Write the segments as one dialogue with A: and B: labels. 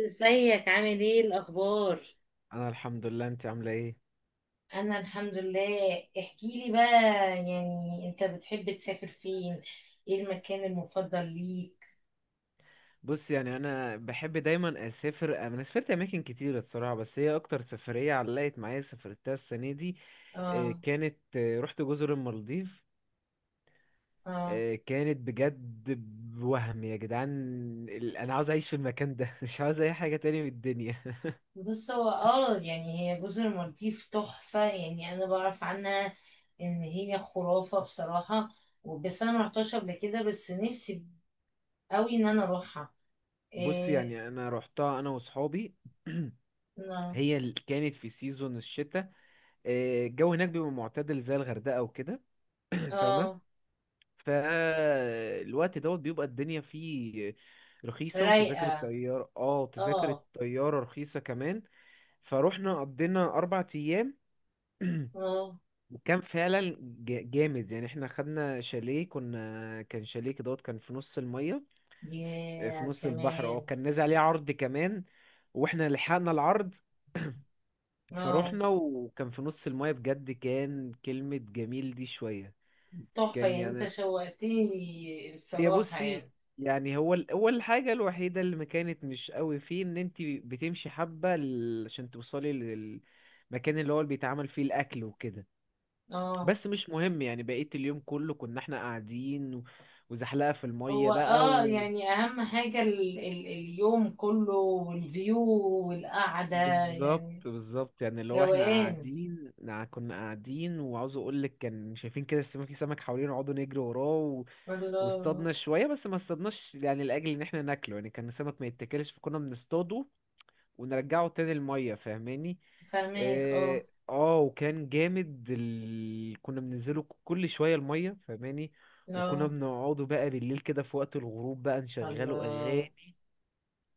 A: ازيك؟ عامل ايه؟ الاخبار؟
B: انا الحمد لله. انت عامله ايه؟
A: انا الحمد لله. احكي لي بقى، يعني انت بتحب تسافر فين؟ ايه المكان المفضل ليك؟
B: بص، يعني انا بحب دايما اسافر، انا سافرت اماكن كتير الصراحه، بس هي اكتر سفريه علقت معايا سافرتها السنه دي.
A: اه،
B: كانت رحت جزر المالديف.
A: اه،
B: كانت بجد. وهم يا جدعان. انا عاوز اعيش في المكان ده. مش عاوز اي حاجه تاني من الدنيا.
A: بص هو هي جزر المالديف تحفة، يعني انا بعرف عنها ان هي خرافة بصراحة. بس انا مرحتهاش قبل كده، بس نفسي قوي ان انا اروحها.
B: بص،
A: إيه؟
B: يعني انا رحتها انا وصحابي.
A: اه،
B: هي كانت في سيزون الشتاء. الجو هناك بيبقى معتدل زي الغردقه وكده. فاهمه؟
A: اه،
B: فالوقت دوت بيبقى الدنيا فيه رخيصة، وتذاكر
A: رايقة،
B: الطيارة تذاكر
A: اه،
B: الطيارة رخيصة كمان. فروحنا قضينا 4 أيام،
A: اه،
B: وكان فعلا جامد. يعني احنا خدنا شاليه، كنا كان شاليه كدهوت، كان في نص المية. في
A: يا
B: نص البحر. اه
A: كمان،
B: كان نازل عليه عرض كمان، واحنا لحقنا العرض.
A: اه،
B: فروحنا، وكان في نص المية بجد. كان كلمة جميل دي شوية.
A: تحفة،
B: كان
A: يعني انت
B: يعني،
A: شوقتني
B: هي
A: بصراحة.
B: بصي،
A: يعني
B: يعني هو هو الحاجة الوحيدة اللي ما كانت مش قوي فيه، ان انت بتمشي حبة عشان توصلي للمكان اللي هو اللي بيتعمل فيه الاكل وكده.
A: اه،
B: بس مش مهم، يعني بقيت اليوم كله كنا احنا قاعدين و- وزحلقة في المية
A: هو
B: بقى و...
A: اهم حاجة ال اليوم كله والفيو والقعدة،
B: بالظبط
A: يعني
B: بالظبط، يعني اللي هو احنا
A: روقان.
B: قاعدين كنا قاعدين، وعاوز اقول لك كان شايفين كده السمك، في سمك حوالينا، وقعدوا نجري وراه و...
A: الله.
B: واصطادنا شوية، بس ما اصطادناش، يعني لأجل ان احنا ناكله، يعني كان السمك ما يتاكلش، فكنا بنصطاده ونرجعه تاني المية. فاهماني؟
A: فاهمك، اه،
B: اه. وكان جامد. كنا بننزله كل شوية المية، فاهماني؟ وكنا
A: اه،
B: بنقعده بقى بالليل كده في وقت الغروب بقى، نشغله
A: الله.
B: أغاني.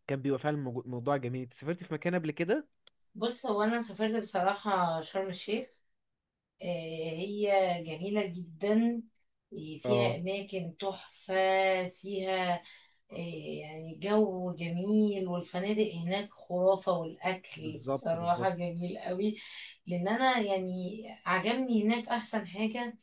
B: كان بيبقى فعلا موضوع جميل. انت سافرت في مكان قبل كده؟
A: بص هو انا سافرت بصراحة شرم الشيخ. آه، هي جميلة جدا، فيها
B: اه،
A: اماكن تحفة، فيها إيه، يعني جو جميل، والفنادق هناك خرافة، والأكل
B: بالظبط
A: بصراحة
B: بالظبط.
A: جميل قوي. لأن أنا يعني عجبني هناك أحسن حاجة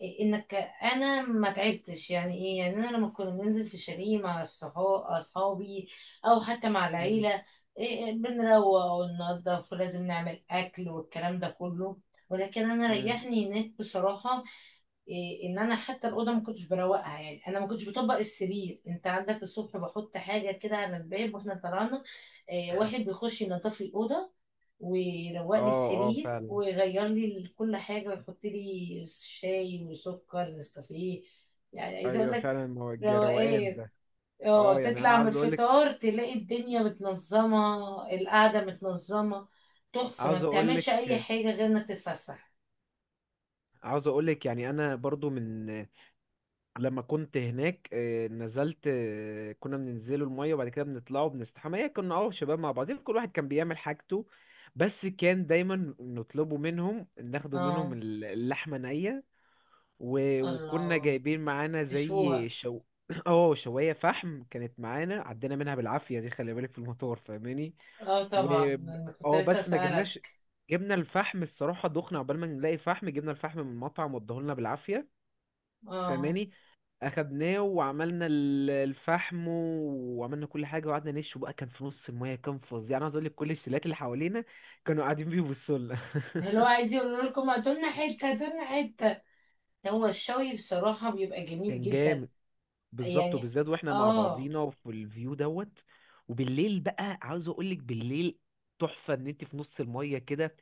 A: إيه؟ إنك أنا ما تعبتش، يعني إيه يعني، أنا لما كنا بننزل في شاليه مع أصحابي أو حتى مع
B: مم،
A: العيلة، إيه، بنروق وننضف ولازم نعمل أكل والكلام ده كله. ولكن أنا
B: مم.
A: ريحني هناك بصراحة. إيه ان انا حتى الاوضه ما كنتش بروقها، يعني انا ما كنتش بطبق السرير، انت عندك الصبح بحط حاجه كده على الباب واحنا طلعنا، إيه، واحد بيخش ينظف لي الاوضه ويروق
B: اه
A: لي
B: اه
A: السرير
B: فعلا.
A: ويغير لي كل حاجه ويحط لي شاي وسكر نسكافيه. يعني عايزه اقول
B: ايوه
A: لك،
B: فعلا، ما هو الجروقان
A: روقان،
B: ده.
A: اه،
B: اه يعني انا
A: تطلع من الفطار تلاقي الدنيا متنظمه، القعده متنظمه، تحفه، ما
B: عاوز
A: بتعملش اي
B: اقولك
A: حاجه غير انك تتفسح.
B: عاوز اقولك، يعني انا برضو من لما كنت هناك نزلت كنا بننزلوا المية، وبعد كده بنطلعوا بنستحمى. هي كنا شباب مع بعضين، كل واحد كان بيعمل حاجته. بس كان دايما نطلبوا منهم، ناخدوا منهم
A: اه.
B: اللحمة نية، و- وكنا
A: الله.
B: جايبين معانا زي
A: تشوها.
B: شو اه شواية فحم كانت معانا، عدينا منها بالعافية دي، خلي بالك، في المطار. فاهماني؟
A: اه،
B: و
A: طبعا انا كنت
B: اه
A: لسه
B: بس ما
A: اسالك.
B: جبناش. جبنا الفحم الصراحة، دخنا عقبال ما نلاقي فحم، جبنا الفحم من المطعم واداهولنا بالعافية.
A: اه.
B: فاهماني؟ اخدناه وعملنا الفحم، وعملنا كل حاجه وقعدنا نشوي بقى. كان في نص المايه، كان فظيع. يعني عايز اقول لك، كل الشلات اللي حوالينا كانوا قاعدين بيبصوا لنا.
A: اللي هو عايز يقول لكم هاتولنا حته، هاتولنا حته. هو الشوي بصراحه بيبقى جميل
B: كان
A: جدا.
B: جامد، بالظبط.
A: يعني
B: وبالذات واحنا مع
A: اه،
B: بعضينا، وفي الفيو دوت. وبالليل بقى عاوز اقول لك، بالليل تحفه ان انت في نص المايه كده.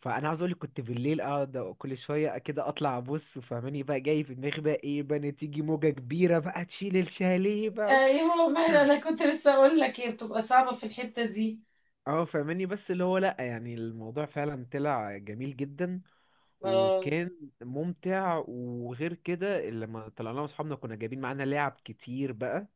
B: فانا عاوز اقول لك كنت بالليل اقعد كل شويه كده اطلع ابص، فاهماني، بقى جاي في دماغي بقى ايه بقى، إن تيجي موجه كبيره بقى تشيل الشاليه.
A: ايوه، ما انا كنت لسه اقول لك هي بتبقى صعبه في الحته دي.
B: اه فاهماني، بس اللي هو لأ، يعني الموضوع فعلا طلع جميل جدا،
A: آه،
B: وكان ممتع. وغير كده لما طلعنا مع اصحابنا كنا جايبين معانا لعب كتير بقى،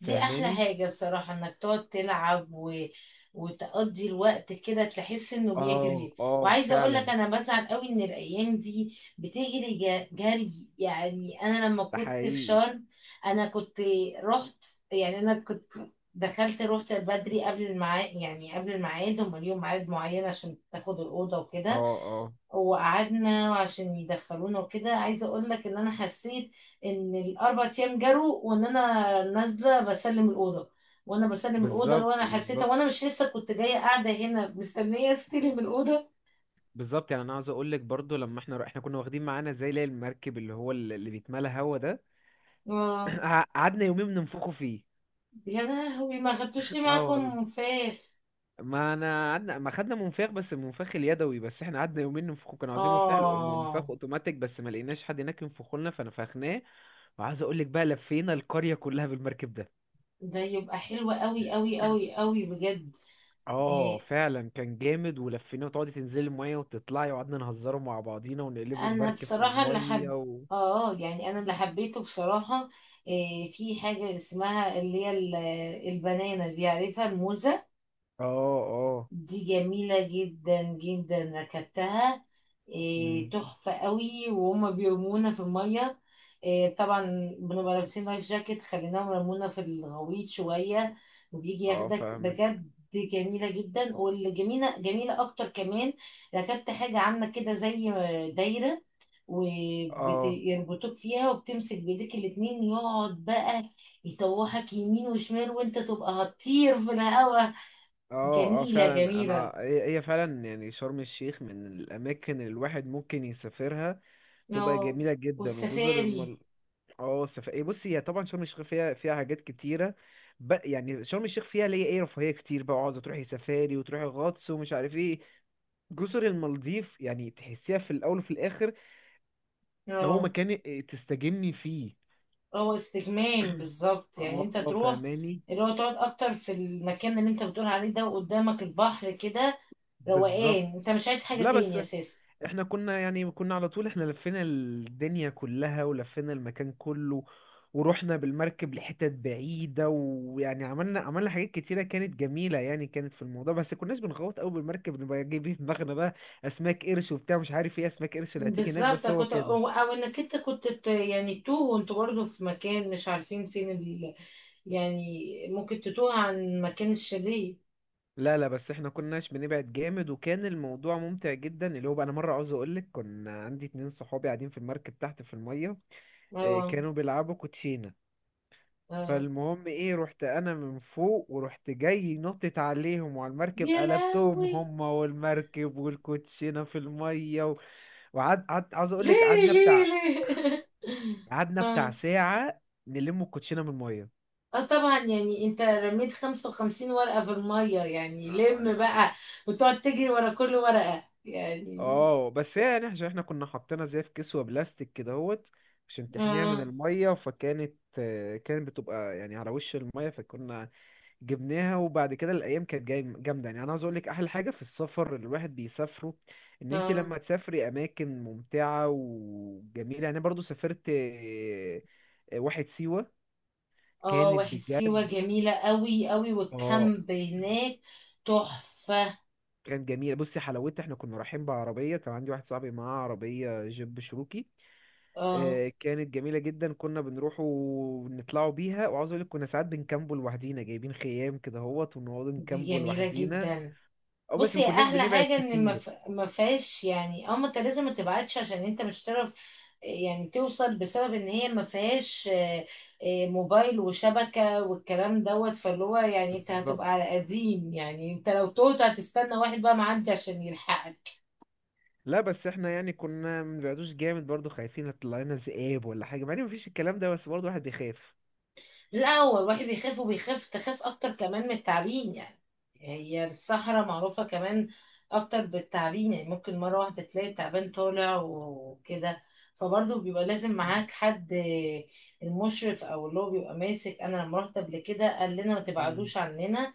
A: دي احلى
B: فاهماني؟
A: حاجة بصراحة، انك تقعد تلعب و... وتقضي الوقت كده تحس انه
B: اه
A: بيجري.
B: اه
A: وعايزة اقول لك
B: فعلا.
A: انا بسعد قوي ان الايام دي بتجري جري. يعني انا لما
B: ده
A: كنت في
B: حقيقي.
A: شرم انا كنت رحت، يعني انا كنت دخلت، رحت بدري قبل الميعاد، يعني قبل الميعاد، هم ليهم ميعاد معين عشان تاخد الأوضة
B: اه
A: وكده،
B: اه،
A: وقعدنا وعشان يدخلونا وكده. عايزه اقول لك ان انا حسيت ان الاربع ايام جروا، وان انا نازله بسلم الاوضه، وانا بسلم الاوضه لو
B: بالظبط
A: انا حسيت
B: بالظبط
A: وانا مش لسه كنت جايه قاعده هنا مستنيه استلم الاوضه.
B: بالظبط. يعني انا عاوز اقول لك برضو، لما احنا كنا واخدين معانا زي اللي هي المركب، اللي هو اللي بيتملى هوا ده.
A: اه.
B: قعدنا يومين بننفخه فيه.
A: يا لهوي، ما خدتوش لي
B: اه والله،
A: معاكم فاخ.
B: ما انا قعدنا ما خدنا منفاخ، بس المنفاخ اليدوي. بس احنا قعدنا يومين ننفخه، كانوا عايزين مفتاح منفاخ
A: اه،
B: اوتوماتيك، بس ما لقيناش حد هناك ينفخه لنا فنفخناه. وعايز اقول لك بقى، لفينا القرية كلها بالمركب ده.
A: ده يبقى حلو قوي قوي قوي قوي بجد.
B: اه
A: آه،
B: فعلا كان جامد، ولفيناه، وتقعدي تنزلي المية وتطلعي، وقعدنا نهزره مع بعضينا ونقلبوا
A: انا
B: المركب في
A: بصراحه اللي
B: المية
A: حب،
B: و...
A: اه، يعني انا اللي حبيته بصراحه إيه في حاجه اسمها البنانه دي، عارفها؟ الموزه
B: اه اه.
A: دي جميله جدا جدا، ركبتها، إيه،
B: مم.
A: تحفه قوي، وهما بيرمونا في الميه، إيه طبعا، بنبقى لابسين لايف جاكيت، خليناهم يرمونا في الغويط شويه، وبيجي
B: اه
A: ياخدك،
B: فاهمك.
A: بجد جميله جدا. واللي جميله جميله اكتر كمان، ركبت حاجه عامله كده زي دايره،
B: اه
A: يعني بتوك فيها وبتمسك بايديك الاتنين، يقعد بقى يطوحك يمين وشمال وانت تبقى هتطير في الهوا.
B: اه. اه
A: جميلة
B: فعلا، انا
A: جميلة.
B: هي فعلا، يعني شرم الشيخ من الاماكن اللي الواحد ممكن يسافرها تبقى
A: اه،
B: جميلة جدا، وجزر
A: والسفاري.
B: المل. اه إيه، بصي، هي طبعا شرم الشيخ فيها حاجات كتيرة. يعني شرم الشيخ فيها اللي هي ايه، رفاهية كتير بقى، عاوزة تروحي سفاري وتروحي غطس ومش عارف ايه. جزر المالديف يعني تحسيها في الأول وفي الآخر، ده هو
A: اه،
B: مكان تستجمي فيه.
A: هو استجمام بالظبط، يعني
B: اه
A: انت تروح،
B: فاهماني.
A: اللي هو تقعد اكتر في المكان اللي انت بتقول عليه ده وقدامك البحر كده، روقان، انت
B: بالظبط.
A: مش عايز حاجة
B: لا بس
A: تاني اساسا.
B: احنا كنا على طول، احنا لفينا الدنيا كلها ولفينا المكان كله، ورحنا بالمركب لحتت بعيدة. ويعني عملنا حاجات كتيرة كانت جميلة، يعني كانت في الموضوع. بس كناش بنغوط قوي بالمركب نبقى جايبين في دماغنا بقى أسماك قرش وبتاع مش عارف ايه، أسماك قرش اللي هتيجي هناك،
A: بالظبط،
B: بس هو
A: كنت
B: كده.
A: أو انك انت كنت يعني تتوه وانتوا برضه في مكان مش عارفين فين، يعني ممكن تتوه عن مكان الشاليه.
B: لا لا، بس احنا كناش بنبعد جامد، وكان الموضوع ممتع جدا. اللي هو بقى أنا مرة عاوز أقولك، كنا عندي 2 صحابي قاعدين في المركب تحت في المية.
A: اه،
B: كانوا بيلعبوا كوتشينة.
A: اه.
B: فالمهم ايه، رحت انا من فوق، ورحت جاي نطت عليهم وعلى المركب،
A: يا
B: قلبتهم
A: لهوي،
B: هما والمركب والكوتشينه في الميه و... عاوز اقول
A: ليه؟
B: لك
A: ليه؟ ليه؟
B: قعدنا بتاع
A: اه،
B: ساعه، نلم الكوتشينه من
A: اه، طبعا، يعني انت رميت 55 ورقة في المية، يعني لم
B: الميه.
A: بقى وتقعد تجري ورا كل ورقة يعني.
B: اه بس هي يعني عشان احنا كنا حاطينها زي في كسوة بلاستيك كدهوت، عشان تحميها من
A: اه،
B: المية، فكانت كانت بتبقى يعني على وش المية، فكنا جبناها. وبعد كده الايام كانت جاي جامده. يعني انا عاوز اقول لك، احلى حاجه في السفر اللي الواحد بيسافره، ان انت
A: اه،
B: لما تسافري اماكن ممتعه وجميله. يعني انا برضو سافرت واحد سيوه،
A: اه،
B: كانت
A: واحد سيوة
B: بجد.
A: جميلة قوي قوي،
B: اه
A: والكامب هناك تحفة.
B: كانت جميله. بصي حلاوتها، احنا كنا رايحين بعربيه، كان عندي واحد صاحبي معاه عربيه جيب شروكي.
A: اه،
B: كانت جميلة جدا، كنا بنروح ونطلعوا بيها. وعاوز اقول لك كنا ساعات بنكامبو لوحدينا، جايبين خيام كده اهوت، ونقعد
A: دي
B: نكامبو
A: جميلة
B: لوحدينا.
A: جدا.
B: او بس ما
A: بصي
B: كناش
A: احلى
B: بنبعد
A: حاجه ان
B: كتير.
A: ما فيهاش، يعني اه ما انت لازم ما تبعتش عشان انت مش هتعرف يعني توصل، بسبب ان هي ما فيهاش آه، آه، موبايل وشبكه والكلام دوت. فاللي هو يعني انت هتبقى
B: بالظبط.
A: على قديم، يعني انت لو توت هتستنى واحد بقى معدي عشان يلحقك.
B: لا بس احنا يعني كنا ما بنبعدوش جامد، برضو خايفين يطلع لنا ذئاب ولا حاجة، مع ان مفيش الكلام ده، بس برضو الواحد بيخاف.
A: لا، هو الواحد بيخاف، وبيخاف تخاف اكتر كمان من التعابين، يعني هي الصحراء معروفة كمان اكتر بالتعابين، يعني ممكن مرة واحدة تلاقي تعبان طالع وكده، فبرضه بيبقى لازم معاك حد، المشرف او اللي هو بيبقى ماسك. انا لما رحت قبل كده قال لنا ما
B: مم.
A: تبعدوش عننا،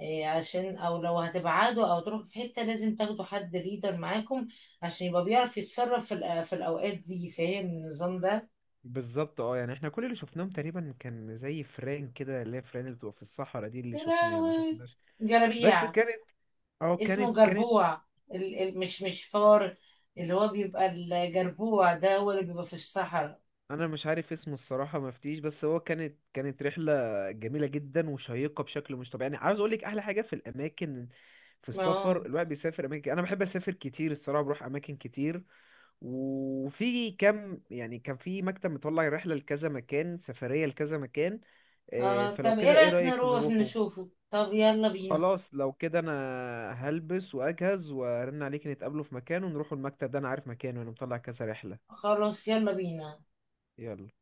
A: إيه، عشان او لو هتبعدوا او تروحوا في حتة لازم تاخدوا حد ليدر معاكم عشان يبقى بيعرف يتصرف في في الاوقات دي، فاهم النظام ده.
B: بالظبط. اه يعني احنا كل اللي شفناهم تقريبا كان زي فران كده، اللي هي فران اللي بتبقى في الصحراء دي، اللي
A: يا
B: شفناها ما
A: لهوي،
B: شفناش. بس
A: جلابيع.
B: كانت، اه
A: اسمه
B: كانت.
A: جربوع، مش فار، اللي هو بيبقى الجربوع ده هو اللي بيبقى في الصحراء.
B: انا مش عارف اسمه الصراحه مفتيش، بس هو كانت، رحله جميله جدا وشيقه بشكل مش طبيعي. يعني عاوز اقول لك احلى حاجه في الاماكن، في
A: اه،
B: السفر الواحد بيسافر اماكن، انا بحب اسافر كتير الصراحه، بروح اماكن كتير. وفي كم، يعني كان في مكتب مطلع رحله لكذا مكان، سفريه لكذا مكان.
A: اه.
B: فلو
A: طب ايه
B: كده ايه
A: رأيك
B: رايك
A: نروح
B: نروحه؟
A: نشوفه؟ طب يلا بينا.
B: خلاص لو كده، انا هلبس واجهز وارن عليك، نتقابله في مكان ونروحوا المكتب ده، انا عارف مكانه، انا مطلع كذا رحله.
A: خلاص، يلا بينا.
B: يلا.